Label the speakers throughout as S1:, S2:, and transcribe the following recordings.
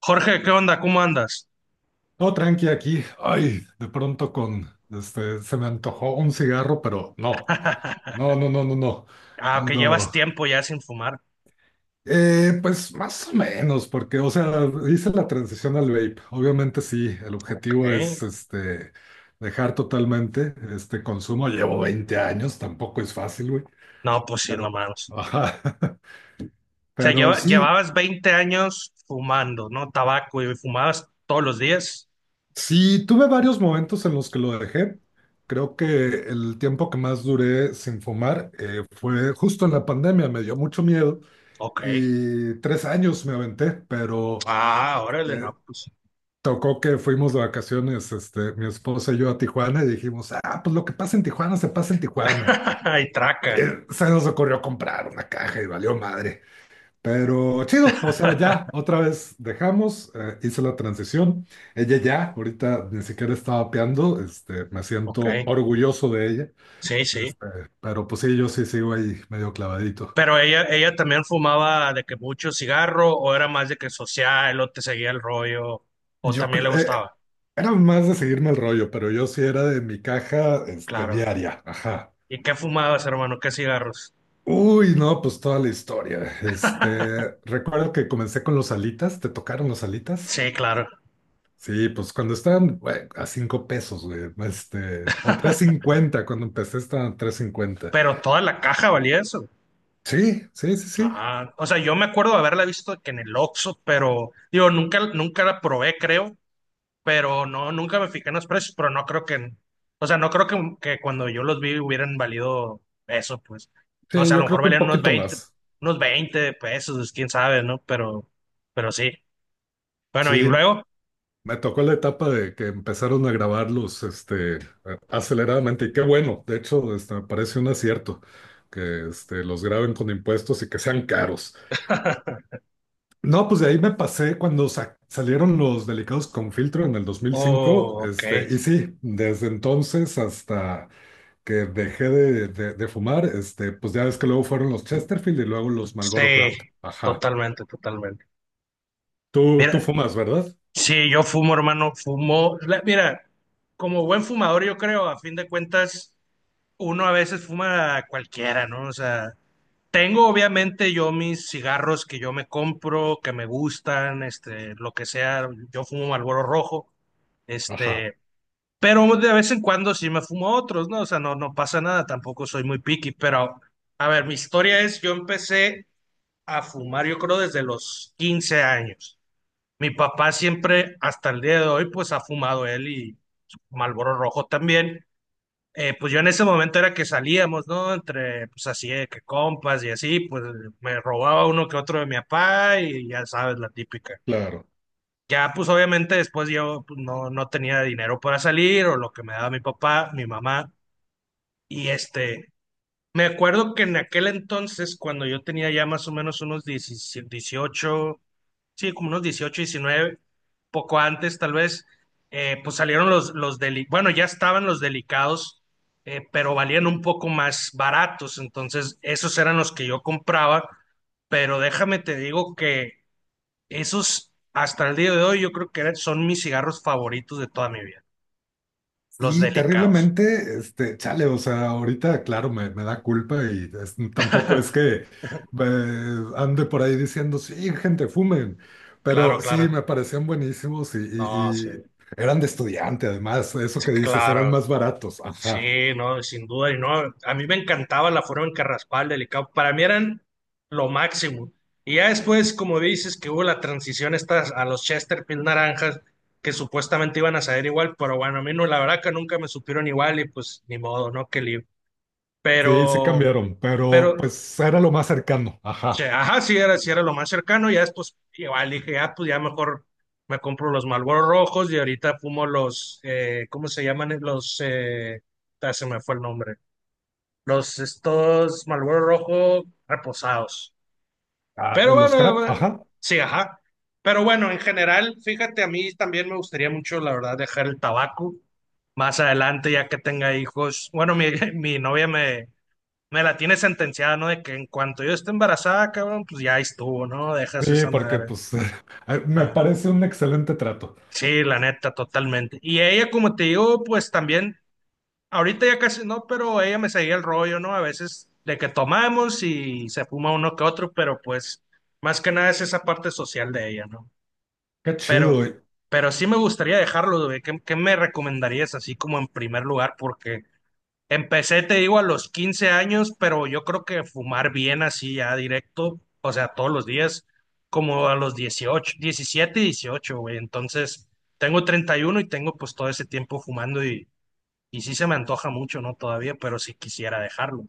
S1: Jorge, ¿qué onda? ¿Cómo andas?
S2: No, tranqui aquí. Ay, de pronto con, se me antojó un cigarro, pero no, no, no, no, no, no.
S1: Ah, que llevas
S2: Ando,
S1: tiempo ya sin fumar.
S2: pues más o menos, porque, o sea, hice la transición al vape. Obviamente sí, el
S1: Ok.
S2: objetivo es, dejar totalmente este consumo. Llevo 20 años, tampoco es fácil, güey.
S1: No, pues sí, no
S2: Pero,
S1: mames. O
S2: ajá.
S1: sea,
S2: Pero sí.
S1: llevabas 20 años fumando, ¿no? Tabaco y fumabas todos los días.
S2: Sí, tuve varios momentos en los que lo dejé. Creo que el tiempo que más duré sin fumar fue justo en la pandemia, me dio mucho miedo
S1: Ok.
S2: y 3 años me aventé, pero
S1: Ah, órale,
S2: eh,
S1: no, pues.
S2: tocó que fuimos de vacaciones, mi esposa y yo a Tijuana y dijimos, ah, pues lo que pasa en Tijuana se pasa en Tijuana.
S1: Y traca.
S2: Se nos ocurrió comprar una caja y valió madre. Pero chido, o sea, ya otra vez dejamos, hice la transición. Ella ya, ahorita ni siquiera está vapeando, me
S1: Ok.
S2: siento orgulloso de ella,
S1: Sí, sí.
S2: este, pero pues sí, yo sí sigo ahí medio clavadito.
S1: Pero ella también fumaba de que mucho cigarro, o era más de que social, o te seguía el rollo, o
S2: Yo
S1: también le
S2: cre- eh,
S1: gustaba.
S2: Era más de seguirme el rollo, pero yo sí era de mi caja,
S1: Claro.
S2: diaria, ajá.
S1: ¿Y qué fumabas, hermano? ¿Qué cigarros?
S2: Uy, no, pues toda la historia. Recuerdo que comencé con los alitas. ¿Te tocaron los alitas?
S1: Sí, claro.
S2: Sí, pues cuando estaban güey, a 5 pesos, güey, o tres cincuenta cuando empecé estaban a tres cincuenta.
S1: Pero toda la caja valía eso.
S2: Sí, sí, sí, sí.
S1: Ah, o sea, yo me acuerdo de haberla visto que en el Oxxo, pero digo, nunca, nunca la probé, creo, pero no, nunca me fijé en los precios, pero no creo que, o sea, no creo que cuando yo los vi hubieran valido eso, pues, no
S2: Sí,
S1: sé, a
S2: yo
S1: lo
S2: creo
S1: mejor
S2: que un
S1: valían unos
S2: poquito
S1: veinte,
S2: más.
S1: unos veinte pesos, quién sabe, ¿no? Pero sí. Bueno, y
S2: Sí,
S1: luego,
S2: me tocó la etapa de que empezaron a grabarlos, aceleradamente, y qué bueno. De hecho, me parece un acierto que los graben con impuestos y que sean caros. No, pues de ahí me pasé cuando salieron los Delicados con Filtro en el 2005,
S1: oh, ok,
S2: y sí, desde entonces hasta que dejé de fumar, pues ya ves que luego fueron los Chesterfield y luego los
S1: sí,
S2: Marlboro Craft. Ajá.
S1: totalmente, totalmente.
S2: Tú
S1: Mira,
S2: fumas, ¿verdad?
S1: sí, yo fumo, hermano, fumo, mira, como buen fumador, yo creo, a fin de cuentas uno a veces fuma cualquiera, ¿no? O sea, tengo obviamente yo mis cigarros que yo me compro, que me gustan, lo que sea, yo fumo Marlboro rojo,
S2: Ajá,
S1: este, pero de vez en cuando sí me fumo otros, ¿no? O sea, no pasa nada, tampoco soy muy picky, pero a ver, mi historia es, yo empecé a fumar, yo creo, desde los 15 años. Mi papá siempre, hasta el día de hoy, pues ha fumado él y Marlboro rojo también. Pues yo en ese momento era que salíamos, ¿no? Entre, pues así, de que compas y así, pues me robaba uno que otro de mi papá y ya sabes, la típica.
S2: claro.
S1: Ya, pues obviamente después yo pues, no tenía dinero para salir o lo que me daba mi papá, mi mamá. Y me acuerdo que en aquel entonces, cuando yo tenía ya más o menos unos 17, 18, sí, como unos 18, 19, poco antes tal vez, pues salieron los, bueno, ya estaban los delicados, pero valían un poco más baratos, entonces esos eran los que yo compraba, pero déjame te digo que esos hasta el día de hoy yo creo que son mis cigarros favoritos de toda mi vida, los
S2: Y
S1: delicados.
S2: terriblemente, chale, o sea, ahorita, claro, me da culpa y tampoco es que ande por ahí diciendo, sí, gente, fumen.
S1: Claro,
S2: Pero sí,
S1: claro.
S2: me parecían buenísimos y,
S1: No, sí,
S2: y- y eran de estudiante, además, eso que dices, eran
S1: claro.
S2: más baratos. Ajá.
S1: Sí, no, sin duda, y no, a mí me encantaba la forma en que raspaba el delicado, para mí eran lo máximo. Y ya después, como dices, que hubo la transición esta a los Chesterfield naranjas, que supuestamente iban a saber igual, pero bueno, a mí no, la verdad que nunca me supieron igual y pues ni modo, ¿no? Qué lío.
S2: Sí, sí
S1: Pero,
S2: cambiaron, pero
S1: pero,
S2: pues era lo más cercano.
S1: che,
S2: Ajá.
S1: ajá, sí era lo más cercano, ya después igual dije, ah, pues ya mejor me compro los Marlboro rojos y ahorita fumo los, ¿cómo se llaman? Los, se me fue el nombre los estos Marlboro Rojo reposados.
S2: Ah,
S1: Pero
S2: de los
S1: bueno,
S2: crap, ajá.
S1: sí, ajá. Pero bueno, en general, fíjate, a mí también me gustaría mucho, la verdad, dejar el tabaco más adelante, ya que tenga hijos. Bueno, mi, mi novia me la tiene sentenciada, ¿no? De que en cuanto yo esté embarazada, cabrón, pues ya estuvo, ¿no? Dejas
S2: Sí,
S1: esa
S2: porque
S1: madre.
S2: pues me
S1: Ah,
S2: parece un excelente trato.
S1: sí, la neta, totalmente. Y ella, como te digo, pues también. Ahorita ya casi no, pero ella me seguía el rollo, ¿no? A veces de que tomamos y se fuma uno que otro, pero pues más que nada es esa parte social de ella, ¿no?
S2: Qué
S1: Pero,
S2: chido.
S1: pero sí me gustaría dejarlo, güey. ¿Qué me recomendarías así como en primer lugar? Porque empecé, te digo, a los 15 años, pero yo creo que fumar bien así ya directo, o sea, todos los días, como a los 18, 17, y 18, güey. Entonces, tengo 31 y uno y tengo pues todo ese tiempo fumando y sí se me antoja mucho, ¿no? Todavía, pero sí quisiera dejarlo.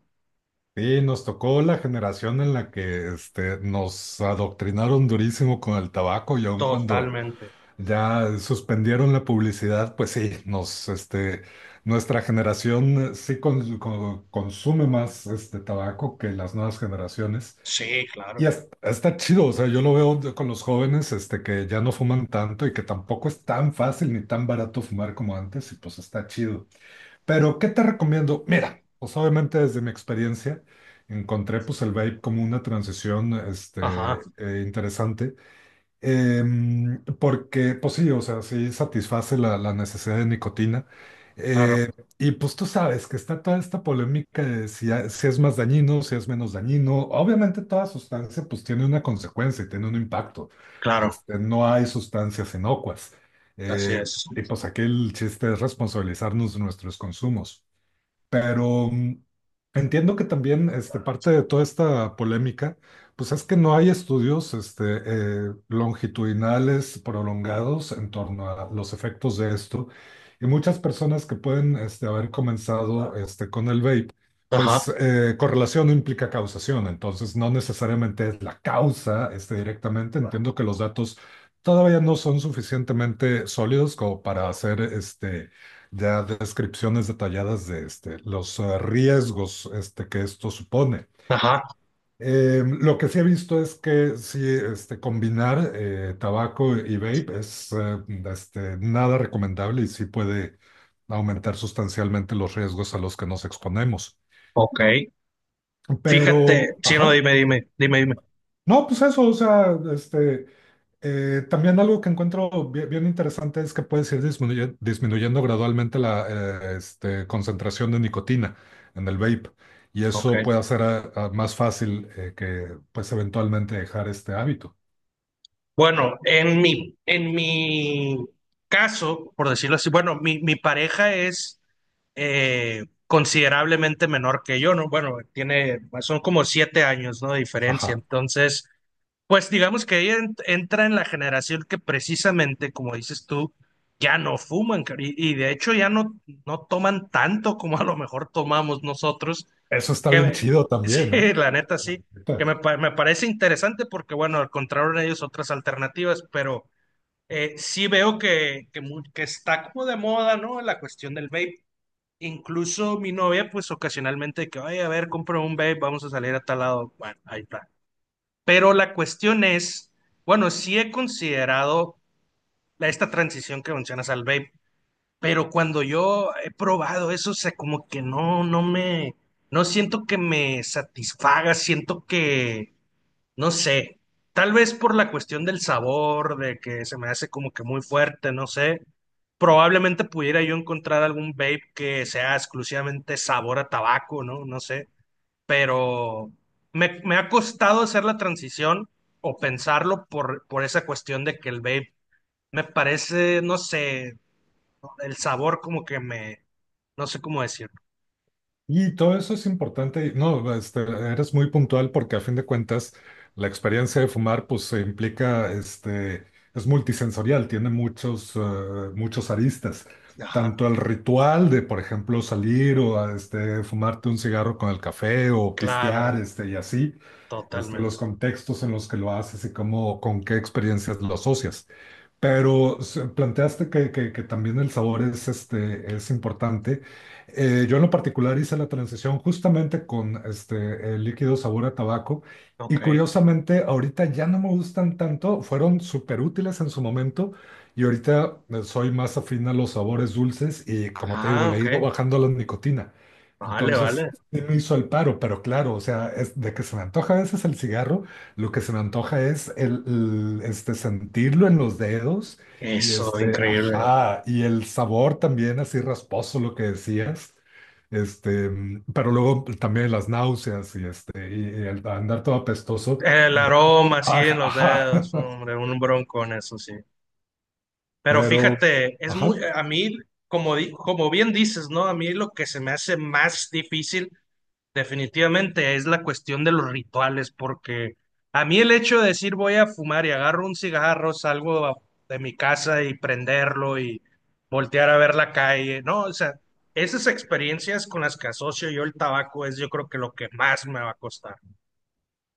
S2: Sí, nos tocó la generación en la que nos adoctrinaron durísimo con el tabaco y aun cuando
S1: Totalmente.
S2: ya suspendieron la publicidad, pues sí, nuestra generación sí consume más este tabaco que las nuevas generaciones.
S1: Sí, claro.
S2: Y está chido, o sea, yo lo veo con los jóvenes, que ya no fuman tanto y que tampoco es tan fácil ni tan barato fumar como antes, y pues está chido. Pero, ¿qué te recomiendo? Mira, pues obviamente desde mi experiencia encontré pues el vape como una transición,
S1: Ajá,
S2: interesante. Porque, pues sí, o sea, sí satisface la necesidad de nicotina.
S1: claro,
S2: Eh, y pues tú sabes que está toda esta polémica de si es más dañino, si es menos dañino. Obviamente toda sustancia pues tiene una consecuencia y tiene un impacto.
S1: claro.
S2: No hay sustancias inocuas.
S1: Así
S2: Eh,
S1: es.
S2: y pues aquí el chiste es responsabilizarnos de nuestros consumos. Pero entiendo que también parte de toda esta polémica, pues es que no hay estudios longitudinales prolongados en torno a los efectos de esto. Y muchas personas que pueden haber comenzado con el vape, pues
S1: Ajá,
S2: correlación no implica causación, entonces no necesariamente es la causa directamente. Entiendo que los datos todavía no son suficientemente sólidos como para hacer ya descripciones detalladas de los riesgos que esto supone.
S1: ajá.
S2: Lo que sí he visto es que sí, combinar tabaco y vape es nada recomendable y sí puede aumentar sustancialmente los riesgos a los que nos exponemos.
S1: Ok. Fíjate,
S2: Pero,
S1: sí, no,
S2: ajá,
S1: dime, dime, dime, dime.
S2: no, pues eso, o sea, también algo que encuentro bien, interesante es que puedes ir disminuyendo gradualmente la concentración de nicotina en el vape y
S1: Ok.
S2: eso puede hacer más fácil que pues eventualmente dejar este hábito.
S1: Bueno, en mi caso, por decirlo así, bueno, mi pareja es considerablemente menor que yo, ¿no? Bueno, tiene, son como 7 años, ¿no? De diferencia.
S2: Ajá,
S1: Entonces, pues digamos que ella entra en la generación que precisamente, como dices tú, ya no fuman y de hecho ya no toman tanto como a lo mejor tomamos nosotros,
S2: eso está
S1: que
S2: bien chido también, ¿eh?
S1: sí, la neta
S2: La
S1: sí, que
S2: neta.
S1: me parece interesante porque bueno, encontraron ellos otras alternativas, pero sí veo que está como de moda, ¿no? La cuestión del vape. Incluso mi novia, pues ocasionalmente, que, ay, a ver, compro un vape, vamos a salir a tal lado. Bueno, ahí está. Pero la cuestión es, bueno, sí he considerado esta transición que mencionas al vape, pero cuando yo he probado eso, o sea, como que no me, no siento que me satisfaga, siento que, no sé, tal vez por la cuestión del sabor, de que se me hace como que muy fuerte, no sé. Probablemente pudiera yo encontrar algún vape que sea exclusivamente sabor a tabaco, ¿no? No sé pero me ha costado hacer la transición o pensarlo por esa cuestión de que el vape me parece, no sé, el sabor como que me, no sé cómo decirlo.
S2: Y todo eso es importante. No, eres muy puntual porque a fin de cuentas la experiencia de fumar pues se implica, es multisensorial, tiene muchos aristas.
S1: Ajá,
S2: Tanto el ritual de, por ejemplo, salir o fumarte un cigarro con el café o pistear,
S1: claro,
S2: y así, los
S1: totalmente.
S2: contextos en los que lo haces y cómo, con qué experiencias lo asocias. Pero planteaste que también el sabor es importante. Yo en lo particular hice la transición justamente con el líquido sabor a tabaco y
S1: Ok.
S2: curiosamente ahorita ya no me gustan tanto, fueron súper útiles en su momento y ahorita soy más afín a los sabores dulces y, como te digo,
S1: Ah,
S2: le he
S1: ok.
S2: ido bajando la nicotina.
S1: Vale,
S2: Entonces,
S1: vale.
S2: sí me hizo el paro, pero claro, o sea, es de que se me antoja a veces el cigarro. Lo que se me antoja es el sentirlo en los dedos y
S1: Eso, increíble.
S2: ajá, y el sabor también así rasposo, lo que decías. Pero luego también las náuseas y y el andar todo apestoso.
S1: El
S2: de-
S1: aroma, sí, en
S2: Ajá,
S1: los dedos,
S2: ajá.
S1: hombre, un bronco en eso, sí. Pero
S2: Pero,
S1: fíjate, es muy,
S2: ajá.
S1: a mí, como, como bien dices, ¿no? A mí lo que se me hace más difícil definitivamente es la cuestión de los rituales, porque a mí el hecho de decir voy a fumar y agarro un cigarro, salgo de mi casa y prenderlo y voltear a ver la calle, no, o sea, esas experiencias con las que asocio yo el tabaco es yo creo que lo que más me va a costar.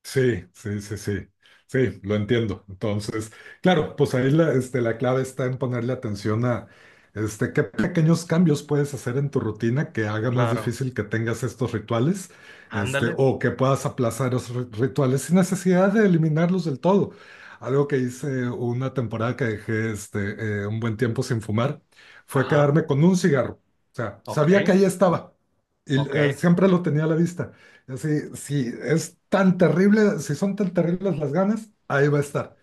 S2: Sí, sí, sí, sí, sí, lo entiendo. Entonces, claro, pues ahí la clave está en ponerle atención a qué pequeños cambios puedes hacer en tu rutina que haga más
S1: Claro,
S2: difícil que tengas estos rituales,
S1: ándale,
S2: o que puedas aplazar esos rituales sin necesidad de eliminarlos del todo. Algo que hice una temporada que dejé un buen tiempo sin fumar fue
S1: ajá,
S2: quedarme con un cigarro. O sea,
S1: ok,
S2: sabía que ahí estaba y
S1: ok,
S2: siempre lo tenía a la vista. Si es tan terrible, si son tan terribles las ganas, ahí va a estar,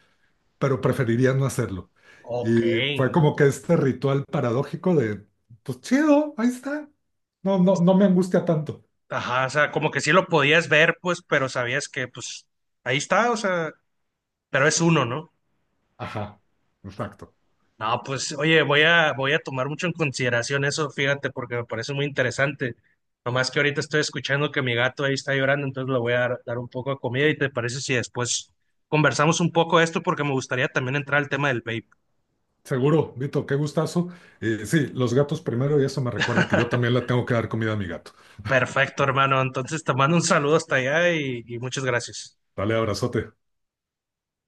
S2: pero preferiría no hacerlo.
S1: ok,
S2: Y fue como que este ritual paradójico de, pues chido, ahí está. No, no, no me angustia tanto.
S1: ajá, o sea, como que sí lo podías ver, pues, pero sabías que, pues, ahí está, o sea, pero es uno, ¿no?
S2: Ajá, exacto.
S1: No, pues oye, voy a tomar mucho en consideración eso, fíjate, porque me parece muy interesante. Nomás que ahorita estoy escuchando que mi gato ahí está llorando, entonces le voy a dar un poco de comida y te parece si después conversamos un poco de esto, porque me gustaría también entrar al tema del vape.
S2: Seguro, Vito, qué gustazo. Y sí, los gatos primero, y eso me recuerda que yo también le tengo que dar comida a mi gato.
S1: Perfecto, hermano. Entonces te mando un saludo hasta allá y muchas gracias.
S2: Dale, abrazote.